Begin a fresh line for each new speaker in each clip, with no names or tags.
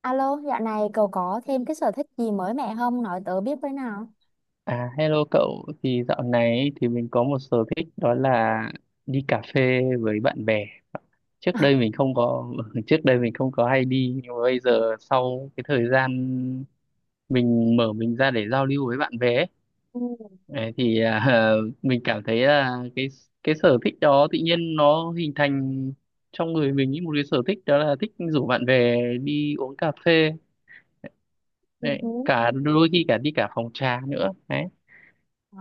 Alo, dạo này cậu có thêm cái sở thích gì mới mẻ không? Nói tớ biết với nào.
À, hello cậu, thì dạo này ấy, thì mình có một sở thích đó là đi cà phê với bạn bè. Trước đây mình không có, Trước đây mình không có hay đi, nhưng mà bây giờ sau cái thời gian mình mở mình ra để giao lưu với bạn bè ấy,
Ừ.
đấy, thì mình cảm thấy là cái sở thích đó tự nhiên nó hình thành trong người mình ý, một cái sở thích đó là thích rủ bạn bè đi uống cà phê, đấy,
Ừ.
cả đôi khi cả đi cả phòng trà nữa. Đấy.
À,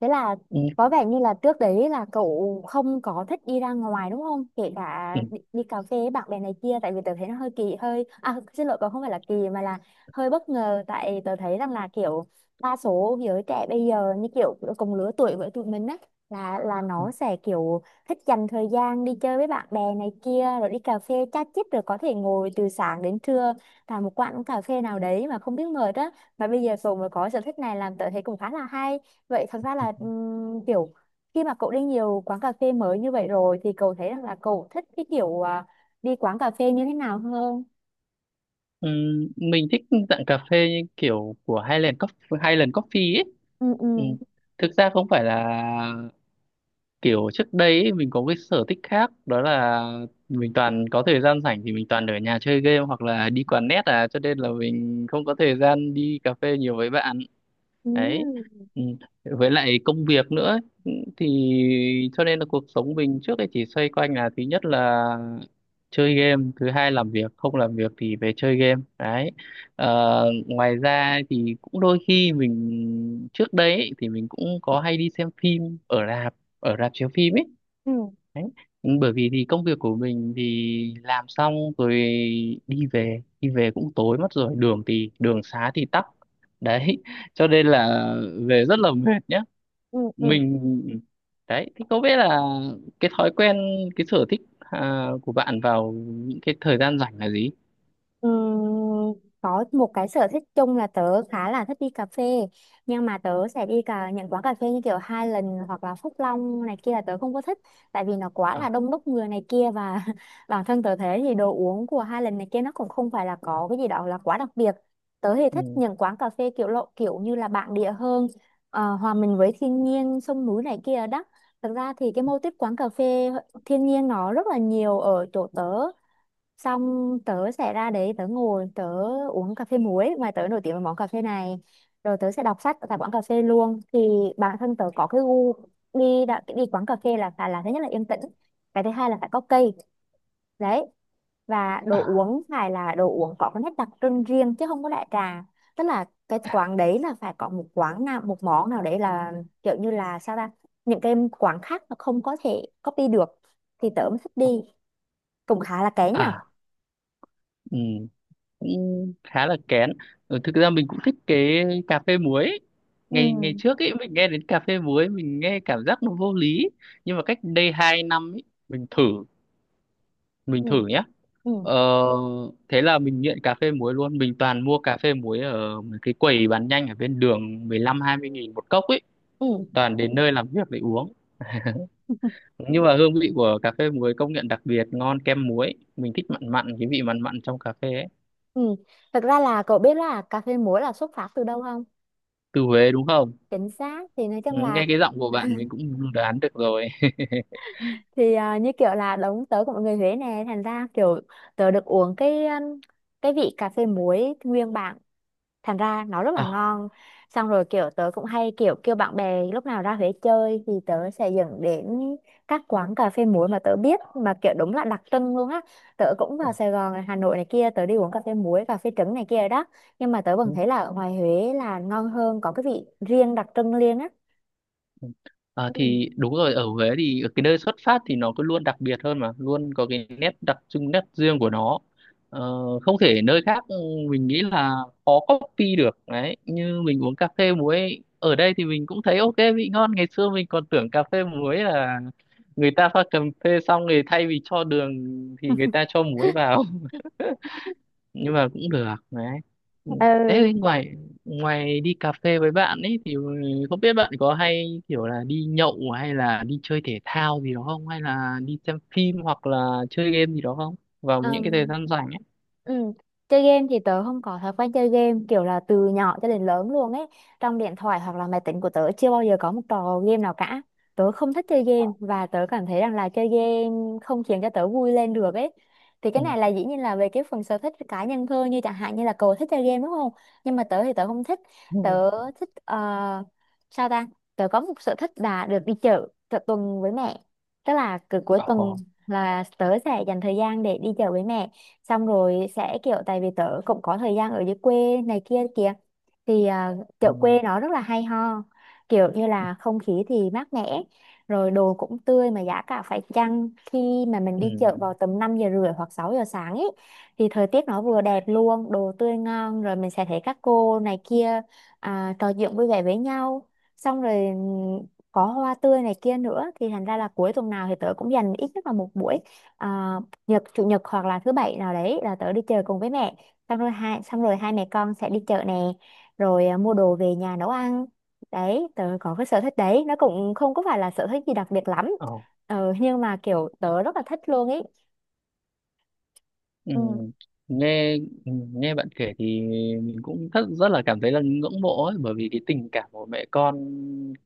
thế là
Ừ.
có vẻ như là trước đấy là cậu không có thích đi ra ngoài đúng không? Kể cả
Ừ,
đi cà phê với bạn bè này kia, tại vì tớ thấy nó hơi kỳ hơi à xin lỗi cậu không phải là kỳ mà là hơi bất ngờ, tại tớ thấy rằng là kiểu đa số giới trẻ bây giờ như kiểu cùng lứa tuổi với tụi mình á, là
ừ.
nó sẽ kiểu thích dành thời gian đi chơi với bạn bè này kia rồi đi cà phê chat chít, rồi có thể ngồi từ sáng đến trưa tại một quán cà phê nào đấy mà không biết mệt á. Và bây giờ Tùng mới có sở thích này làm tớ thấy cũng khá là hay. Vậy thật ra là, kiểu khi mà cậu đi nhiều quán cà phê mới như vậy rồi thì cậu thấy rằng là cậu thích cái kiểu, à, đi quán cà phê như thế nào hơn?
Mình thích dạng cà phê như kiểu của Highland Coffee, Highland Coffee ấy.
Ừ.
Ừm,
Ừ.
thực ra không phải là kiểu trước đây ấy, mình có cái sở thích khác đó là mình toàn có thời gian rảnh thì mình toàn ở nhà chơi game hoặc là đi quán net cho nên là mình không có thời gian đi cà phê nhiều với bạn
Ừ.
đấy. Ừ. Với lại công việc nữa ấy. Ừ, thì cho nên là cuộc sống mình trước đây chỉ xoay quanh là thứ nhất là chơi game, thứ hai làm việc, không làm việc thì về chơi game. Đấy. Ngoài ra thì cũng đôi khi mình trước đấy ấy, thì mình cũng có hay đi xem phim ở rạp chiếu phim ấy.
Ừ.
Đấy. Bởi vì thì công việc của mình thì làm xong rồi đi về, cũng tối mất rồi, đường xá thì tắc đấy cho nên là về rất là mệt nhá.
Ừ. Ừ.
Mình đấy thì có biết là cái thói quen cái sở thích của bạn vào những cái thời gian rảnh là gì.
Ừm, có một cái sở thích chung là tớ khá là thích đi cà phê, nhưng mà tớ sẽ đi cả những quán cà phê như kiểu Highland hoặc là Phúc Long này kia là tớ không có thích, tại vì nó quá là
À,
đông đúc người này kia và bản thân tớ thấy thì đồ uống của Highland này kia nó cũng không phải là có cái gì đó là quá đặc biệt. Tớ thì thích
ừ,
những quán cà phê kiểu lộ kiểu như là bản địa hơn, hòa mình với thiên nhiên sông núi này kia đó. Thực ra thì cái mô típ quán cà phê thiên nhiên nó rất là nhiều ở chỗ tớ, xong tớ sẽ ra đấy tớ ngồi tớ uống cà phê muối mà tớ nổi tiếng với món cà phê này, rồi tớ sẽ đọc sách tại quán cà phê luôn. Thì bản thân tớ có cái gu đi quán cà phê là phải là thứ nhất là yên tĩnh, cái thứ hai là phải có cây đấy, và đồ
à,
uống phải là đồ uống có cái nét đặc trưng riêng chứ không có đại trà. Tức là cái quán đấy là phải có một quán nào một món nào đấy là kiểu như là sao ta, những cái quán khác nó không có thể copy được thì tớ mới thích đi, cũng khá là kén nhở.
à, ừ. Cũng khá là kén. Ừ, thực ra mình cũng thích cái cà phê muối ấy.
Ừ.
Ngày ngày trước ấy mình nghe đến cà phê muối mình nghe cảm giác nó vô lý, nhưng mà cách đây 2 năm ấy mình thử mình
Ừ.
thử nhé.
Ừ.
Ờ, thế là mình nghiện cà phê muối luôn, mình toàn mua cà phê muối ở mấy cái quầy bán nhanh ở bên đường, 15 20 nghìn một cốc ấy,
Ừ.
toàn đến nơi làm việc để uống. Nhưng mà hương vị của cà phê muối công nhận đặc biệt ngon, kem muối mình thích mặn mặn, cái vị mặn mặn trong cà phê ấy.
Ừ. Thực ra là cậu biết là cà phê muối là xuất phát từ đâu không?
Từ Huế đúng không?
Chính xác, thì nói
Ừ,
chung là
nghe cái giọng của bạn mình cũng đoán được rồi.
thì à, như kiểu là đống tớ của mọi người Huế nè, thành ra kiểu tớ được uống cái vị cà phê muối nguyên bản, thành ra nó rất là
Ờ,
ngon. Xong rồi kiểu tớ cũng hay kiểu kêu bạn bè lúc nào ra Huế chơi thì tớ sẽ dẫn đến các quán cà phê muối mà tớ biết mà kiểu đúng là đặc trưng luôn á. Tớ cũng vào Sài Gòn này, Hà Nội này kia, tớ đi uống cà phê muối cà phê trứng này kia đó, nhưng mà tớ
ừ,
vẫn thấy là ở ngoài Huế là ngon hơn, có cái vị riêng đặc trưng riêng á.
ừ. Ờ,
Ừ.
thì đúng rồi, ở Huế thì ở cái nơi xuất phát thì nó cứ luôn đặc biệt hơn mà luôn có cái nét đặc trưng, nét riêng của nó. Ờ, Không thể nơi khác, mình nghĩ là khó copy được đấy. Như mình uống cà phê muối ở đây thì mình cũng thấy ok, vị ngon. Ngày xưa mình còn tưởng cà phê muối là người ta pha cà phê xong rồi thay vì cho đường thì người ta cho muối vào. Nhưng mà cũng được đấy. Ừ.
Ừ,
Thế ngoài ngoài đi cà phê với bạn ấy thì không biết bạn có hay kiểu là đi nhậu hay là đi chơi thể thao gì đó không, hay là đi xem phim hoặc là chơi game gì đó không, vào những cái thời
Ừm,
gian rảnh ấy.
ừm, chơi game thì tớ không có thói quen chơi game kiểu là từ nhỏ cho đến lớn luôn ấy. Trong điện thoại hoặc là máy tính của tớ chưa bao giờ có một trò game nào cả. Tớ không thích chơi game và tớ cảm thấy rằng là chơi game không khiến cho tớ vui lên được ấy. Thì cái
Ừ.
này là dĩ nhiên là về cái phần sở thích cá nhân thôi, như chẳng hạn như là cậu thích chơi game đúng không? Nhưng mà tớ thì tớ không thích. Tớ
Ừ.
thích sao ta? Tớ có một sở thích là được đi chợ, chợ tuần với mẹ. Tức là cứ cuối tuần
Ồ.
là tớ sẽ dành thời gian để đi chợ với mẹ, xong rồi sẽ kiểu tại vì tớ cũng có thời gian ở dưới quê này kia kìa, thì à, chợ
Ừ.
quê nó rất là hay ho, kiểu như là không khí thì mát mẻ, rồi đồ cũng tươi mà giá cả phải chăng. Khi mà mình
Ừ.
đi chợ vào tầm 5 giờ rưỡi hoặc 6 giờ sáng ấy thì thời tiết nó vừa đẹp luôn, đồ tươi ngon, rồi mình sẽ thấy các cô này kia à, trò chuyện vui vẻ với nhau, xong rồi có hoa tươi này kia nữa. Thì thành ra là cuối tuần nào thì tớ cũng dành ít nhất là một buổi, à, chủ nhật hoặc là thứ bảy nào đấy là tớ đi chợ cùng với mẹ, xong rồi hai mẹ con sẽ đi chợ nè, rồi à, mua đồ về nhà nấu ăn. Đấy, tớ có cái sở thích đấy nó cũng không có phải là sở thích gì đặc biệt lắm,
Ồ.
nhưng mà kiểu tớ rất là thích luôn ý.
Ừ.
Ừ,
Nghe bạn kể thì mình cũng rất rất là cảm thấy là ngưỡng mộ ấy, bởi vì cái tình cảm của mẹ con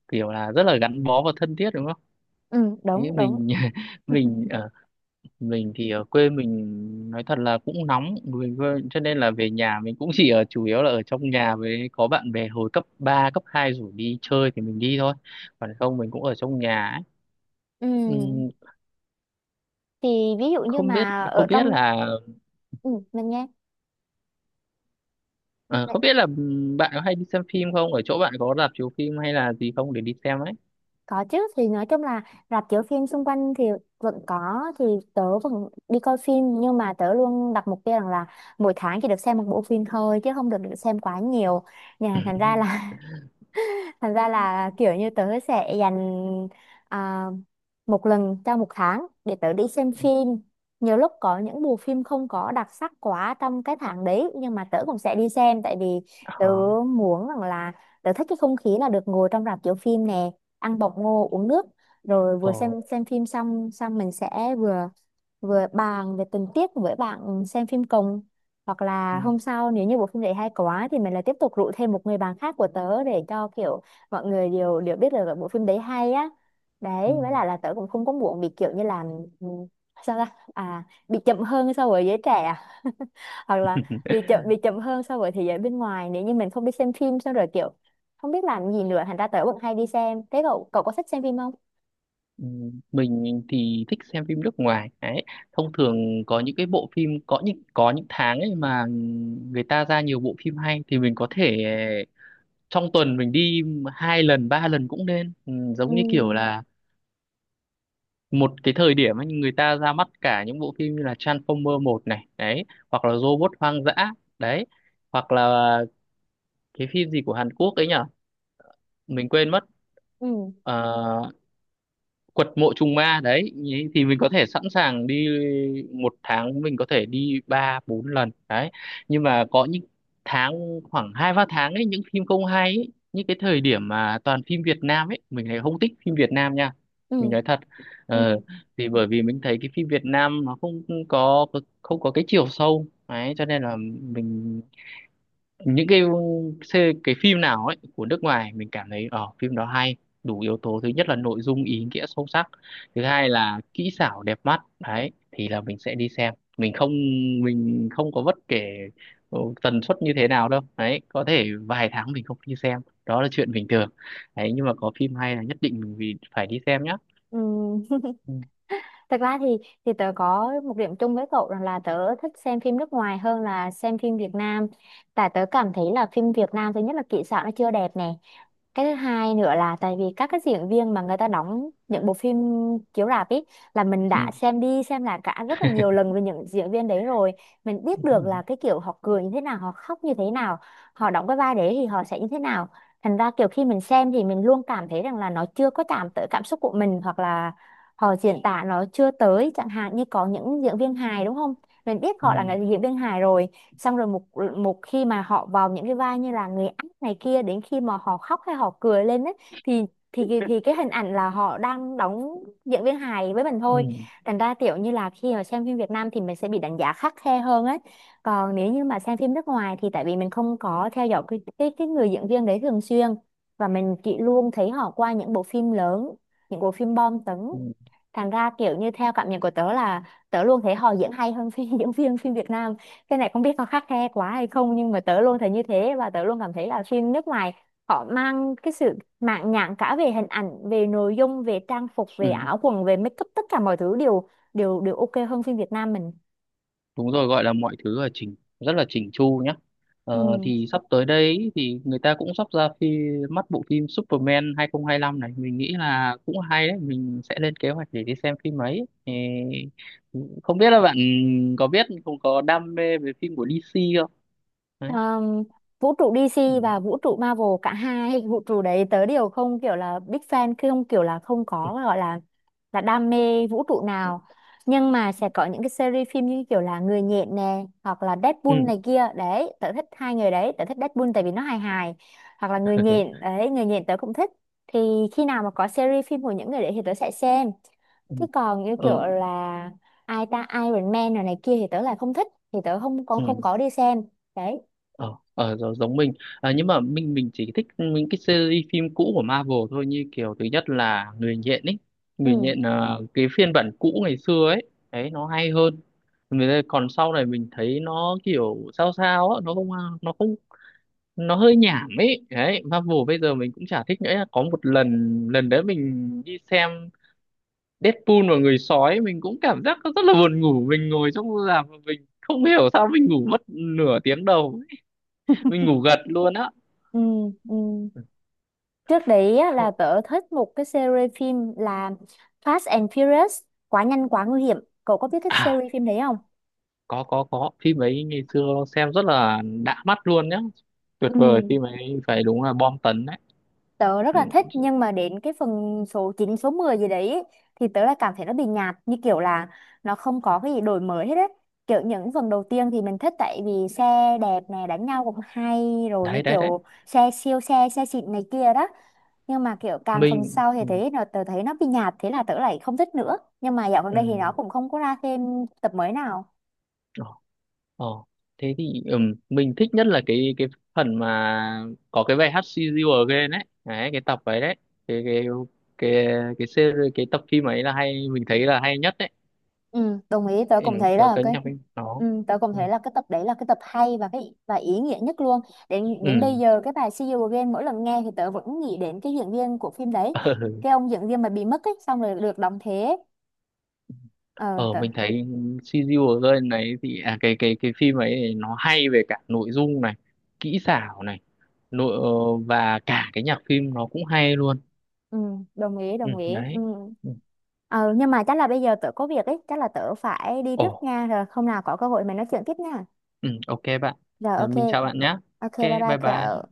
kiểu là rất là gắn bó và thân thiết đúng không?
ừ,
Thế
đúng đúng.
mình mình mình thì ở quê mình nói thật là cũng nóng cho nên là về nhà mình cũng chỉ ở chủ yếu là ở trong nhà, với có bạn bè hồi cấp 3, cấp 2 rủ đi chơi thì mình đi thôi, còn không mình cũng ở trong nhà ấy.
Ừ.
Ừm,
Thì ví dụ như
không biết
mà ở
không biết
trong,
là
ừ, mình nghe.
ờ, không biết là bạn có hay đi xem phim không, ở chỗ bạn có rạp chiếu phim hay là gì không để đi xem ấy.
Có chứ, thì nói chung là rạp chiếu phim xung quanh thì vẫn có, thì tớ vẫn đi coi phim, nhưng mà tớ luôn đặt mục tiêu rằng là mỗi tháng chỉ được xem một bộ phim thôi chứ không được xem quá nhiều, nhà thành ra là kiểu như tớ sẽ dành à, một lần trong một tháng để tớ đi xem phim. Nhiều lúc có những bộ phim không có đặc sắc quá trong cái tháng đấy nhưng mà tớ cũng sẽ đi xem, tại vì tớ
Ờ.
muốn rằng là tớ thích cái không khí là được ngồi trong rạp chiếu phim nè, ăn bọc ngô uống nước, rồi vừa
Ồ.
xem phim xong xong mình sẽ vừa vừa bàn về tình tiết với bạn xem phim cùng, hoặc là
Ừ.
hôm sau nếu như bộ phim đấy hay quá thì mình lại tiếp tục rủ thêm một người bạn khác của tớ để cho kiểu mọi người đều đều biết là bộ phim đấy hay á. Đấy, với
Ừ.
lại là tớ cũng không có muộn bị kiểu như là, ừ, sao ta à bị chậm hơn so với giới trẻ à? Hoặc là bị chậm hơn so với thế giới bên ngoài, nếu như mình không đi xem phim xong rồi kiểu không biết làm gì nữa, thành ra tớ vẫn hay đi xem. Thế cậu cậu có thích xem phim không?
Ừ, mình thì thích xem phim nước ngoài ấy. Thông thường có những cái bộ phim, có những tháng ấy mà người ta ra nhiều bộ phim hay thì mình có thể trong tuần mình đi 2 lần 3 lần cũng nên, ừ,
Ừ.
giống như kiểu là một cái thời điểm ấy, người ta ra mắt cả những bộ phim như là Transformer một này đấy, hoặc là Robot hoang dã đấy, hoặc là cái phim gì của Hàn Quốc ấy nhở, mình quên mất.
Ừ.
Ờ, quật mộ trùng ma đấy ý, thì mình có thể sẵn sàng đi, một tháng mình có thể đi 3 4 lần đấy. Nhưng mà có những tháng khoảng 2 3 tháng ấy những phim không hay ấy, những cái thời điểm mà toàn phim Việt Nam ấy mình lại không thích phim Việt Nam nha, mình
Ừ.
nói thật.
Ừ.
Ờ, thì bởi vì mình thấy cái phim Việt Nam nó có không có cái chiều sâu, đấy cho nên là mình những cái phim nào ấy của nước ngoài mình cảm thấy ở phim đó hay, đủ yếu tố thứ nhất là nội dung ý nghĩa sâu sắc, thứ hai là kỹ xảo đẹp mắt, đấy thì là mình sẽ đi xem. Mình không có bất kể tần suất như thế nào đâu, đấy có thể vài tháng mình không đi xem đó là chuyện bình thường, đấy nhưng mà có phim hay là nhất định mình phải đi xem nhá.
Ừ.
Ừ.
Thật ra thì tớ có một điểm chung với cậu rằng là tớ thích xem phim nước ngoài hơn là xem phim Việt Nam. Tại tớ cảm thấy là phim Việt Nam thứ nhất là kỹ xảo nó chưa đẹp nè. Cái thứ hai nữa là tại vì các cái diễn viên mà người ta đóng những bộ phim chiếu rạp ấy là mình đã
Ừ.
xem đi xem lại cả rất là nhiều lần về những diễn viên đấy rồi. Mình biết được
Ừ.
là cái kiểu họ cười như thế nào, họ khóc như thế nào, họ đóng cái vai đấy thì họ sẽ như thế nào. Thành ra kiểu khi mình xem thì mình luôn cảm thấy rằng là nó chưa có chạm tới cảm xúc của mình, hoặc là họ diễn tả nó chưa tới. Chẳng hạn như có những diễn viên hài đúng không, mình biết họ là
Ừ.
người diễn viên hài rồi, xong rồi một một khi mà họ vào những cái vai như là người ác này kia, đến khi mà họ khóc hay họ cười lên ấy, thì thì cái hình ảnh là họ đang đóng diễn viên hài với mình
Ừ.
thôi.
Ừ.
Thành ra kiểu như là khi mà xem phim Việt Nam thì mình sẽ bị đánh giá khắt khe hơn ấy, còn nếu như mà xem phim nước ngoài thì tại vì mình không có theo dõi cái người diễn viên đấy thường xuyên và mình chỉ luôn thấy họ qua những bộ phim lớn, những bộ phim bom tấn,
Ừ,
thành ra kiểu như theo cảm nhận của tớ là tớ luôn thấy họ diễn hay hơn phim diễn viên phim Việt Nam. Cái này không biết có khắt khe quá hay không, nhưng mà tớ luôn thấy như thế, và tớ luôn cảm thấy là phim nước ngoài họ mang cái sự mãn nhãn cả về hình ảnh, về nội dung, về trang phục,
ừ.
về áo quần, về make up, tất cả mọi thứ đều đều đều ok hơn phim Việt Nam mình.
Đúng rồi, gọi là mọi thứ là rất là chỉnh chu nhá. Ờ,
Ừ.
thì sắp tới đây thì người ta cũng sắp ra phim mắt bộ phim Superman 2025 này, mình nghĩ là cũng hay đấy, mình sẽ lên kế hoạch để đi xem phim ấy. Ê, không biết là bạn có biết không có đam mê về phim của DC không, đấy.
Ờm, vũ trụ
Ừ.
DC và vũ trụ Marvel, cả hai vũ trụ đấy tớ đều không kiểu là big fan, không kiểu là không có gọi là đam mê vũ trụ nào, nhưng mà sẽ có những cái series phim như kiểu là Người nhện nè hoặc là
Ừ.
Deadpool này kia. Đấy, tớ thích hai người đấy, tớ thích Deadpool tại vì nó hài hài, hoặc là Người nhện đấy, Người nhện tớ cũng thích. Thì khi nào mà có series phim của những người đấy thì tớ sẽ xem, chứ còn như kiểu
Ừ.
là ai ta Iron Man rồi này kia thì tớ lại không thích, thì tớ không còn
Ừ.
không có đi xem đấy.
Ờ Giống giống mình. À, nhưng mà mình chỉ thích những cái series phim cũ của Marvel thôi, như kiểu thứ nhất là Người nhện ấy, Người
Ừ.
nhện là cái phiên bản cũ ngày xưa ấy, đấy nó hay hơn. Còn sau này mình thấy nó kiểu sao sao á, nó không nó không nó hơi nhảm ấy, đấy Marvel bây giờ mình cũng chả thích nữa. Có một lần, lần đấy mình đi xem Deadpool và người sói mình cũng cảm giác nó rất là buồn ngủ, mình ngồi trong rạp và mình không hiểu sao mình ngủ mất nửa tiếng đầu, mình ngủ gật luôn á.
Ừ. Ừ. Trước đấy á, là
Không.
tớ thích một cái series phim là Fast and Furious, quá nhanh quá nguy hiểm. Cậu có biết cái
À,
series phim đấy không?
có phim ấy, ngày xưa xem rất là đã mắt luôn nhá, tuyệt
Ừ,
vời, phim ấy phải đúng là bom tấn đấy.
tớ rất
Ừ,
là thích nhưng mà đến cái phần số 9 số 10 gì đấy thì tớ lại cảm thấy nó bị nhạt, như kiểu là nó không có cái gì đổi mới hết á. Kiểu những phần đầu tiên thì mình thích tại vì xe đẹp này, đánh nhau cũng hay rồi, như
đấy đấy đấy.
kiểu xe siêu xe, xe xịn này kia đó. Nhưng mà kiểu càng phần
Mình,
sau thì
ừ,
thấy nó tớ thấy nó bị nhạt, thế là tớ lại không thích nữa. Nhưng mà dạo gần
ừ.
đây thì nó cũng không có ra thêm tập mới nào.
Ờ, ờ. Thế thì, mình thích nhất là cái phần mà có cái bài hát See You Again đấy, đấy cái tập ấy đấy, cái cái cái cái tập phim ấy là hay, mình thấy là hay nhất đấy.
Ừ, đồng ý, tớ
Ừ,
cũng thấy
có
là
cái
cái,
nhạc phim đó.
ừ, tớ cũng
Ừ.
thấy là cái tập đấy là cái tập hay và ý nghĩa nhất luôn. Đến đến bây
Ừ.
giờ cái bài See You Again mỗi lần nghe thì tớ vẫn nghĩ đến cái diễn viên của phim đấy, cái ông diễn viên mà bị mất ấy xong rồi được đóng thế ấy. Ờ
Ờ
Tớ,
mình thấy CGI Girl này thì cái phim ấy thì nó hay về cả nội dung này, kỹ xảo này, nội ờ, và cả cái nhạc phim nó cũng hay luôn.
ừ, đồng ý,
Ừ,
đồng ý. Ừ.
đấy. Ừ.
ờ nhưng mà chắc là bây giờ tớ có việc ấy, chắc là tớ phải đi
Ồ.
trước nha, rồi hôm nào có cơ hội mình nói chuyện tiếp nha.
Ừ, ok bạn.
Rồi,
Ờ,
ok.
mình chào bạn nhé.
Ok,
Ok
bye bye
bye bye.
cậu.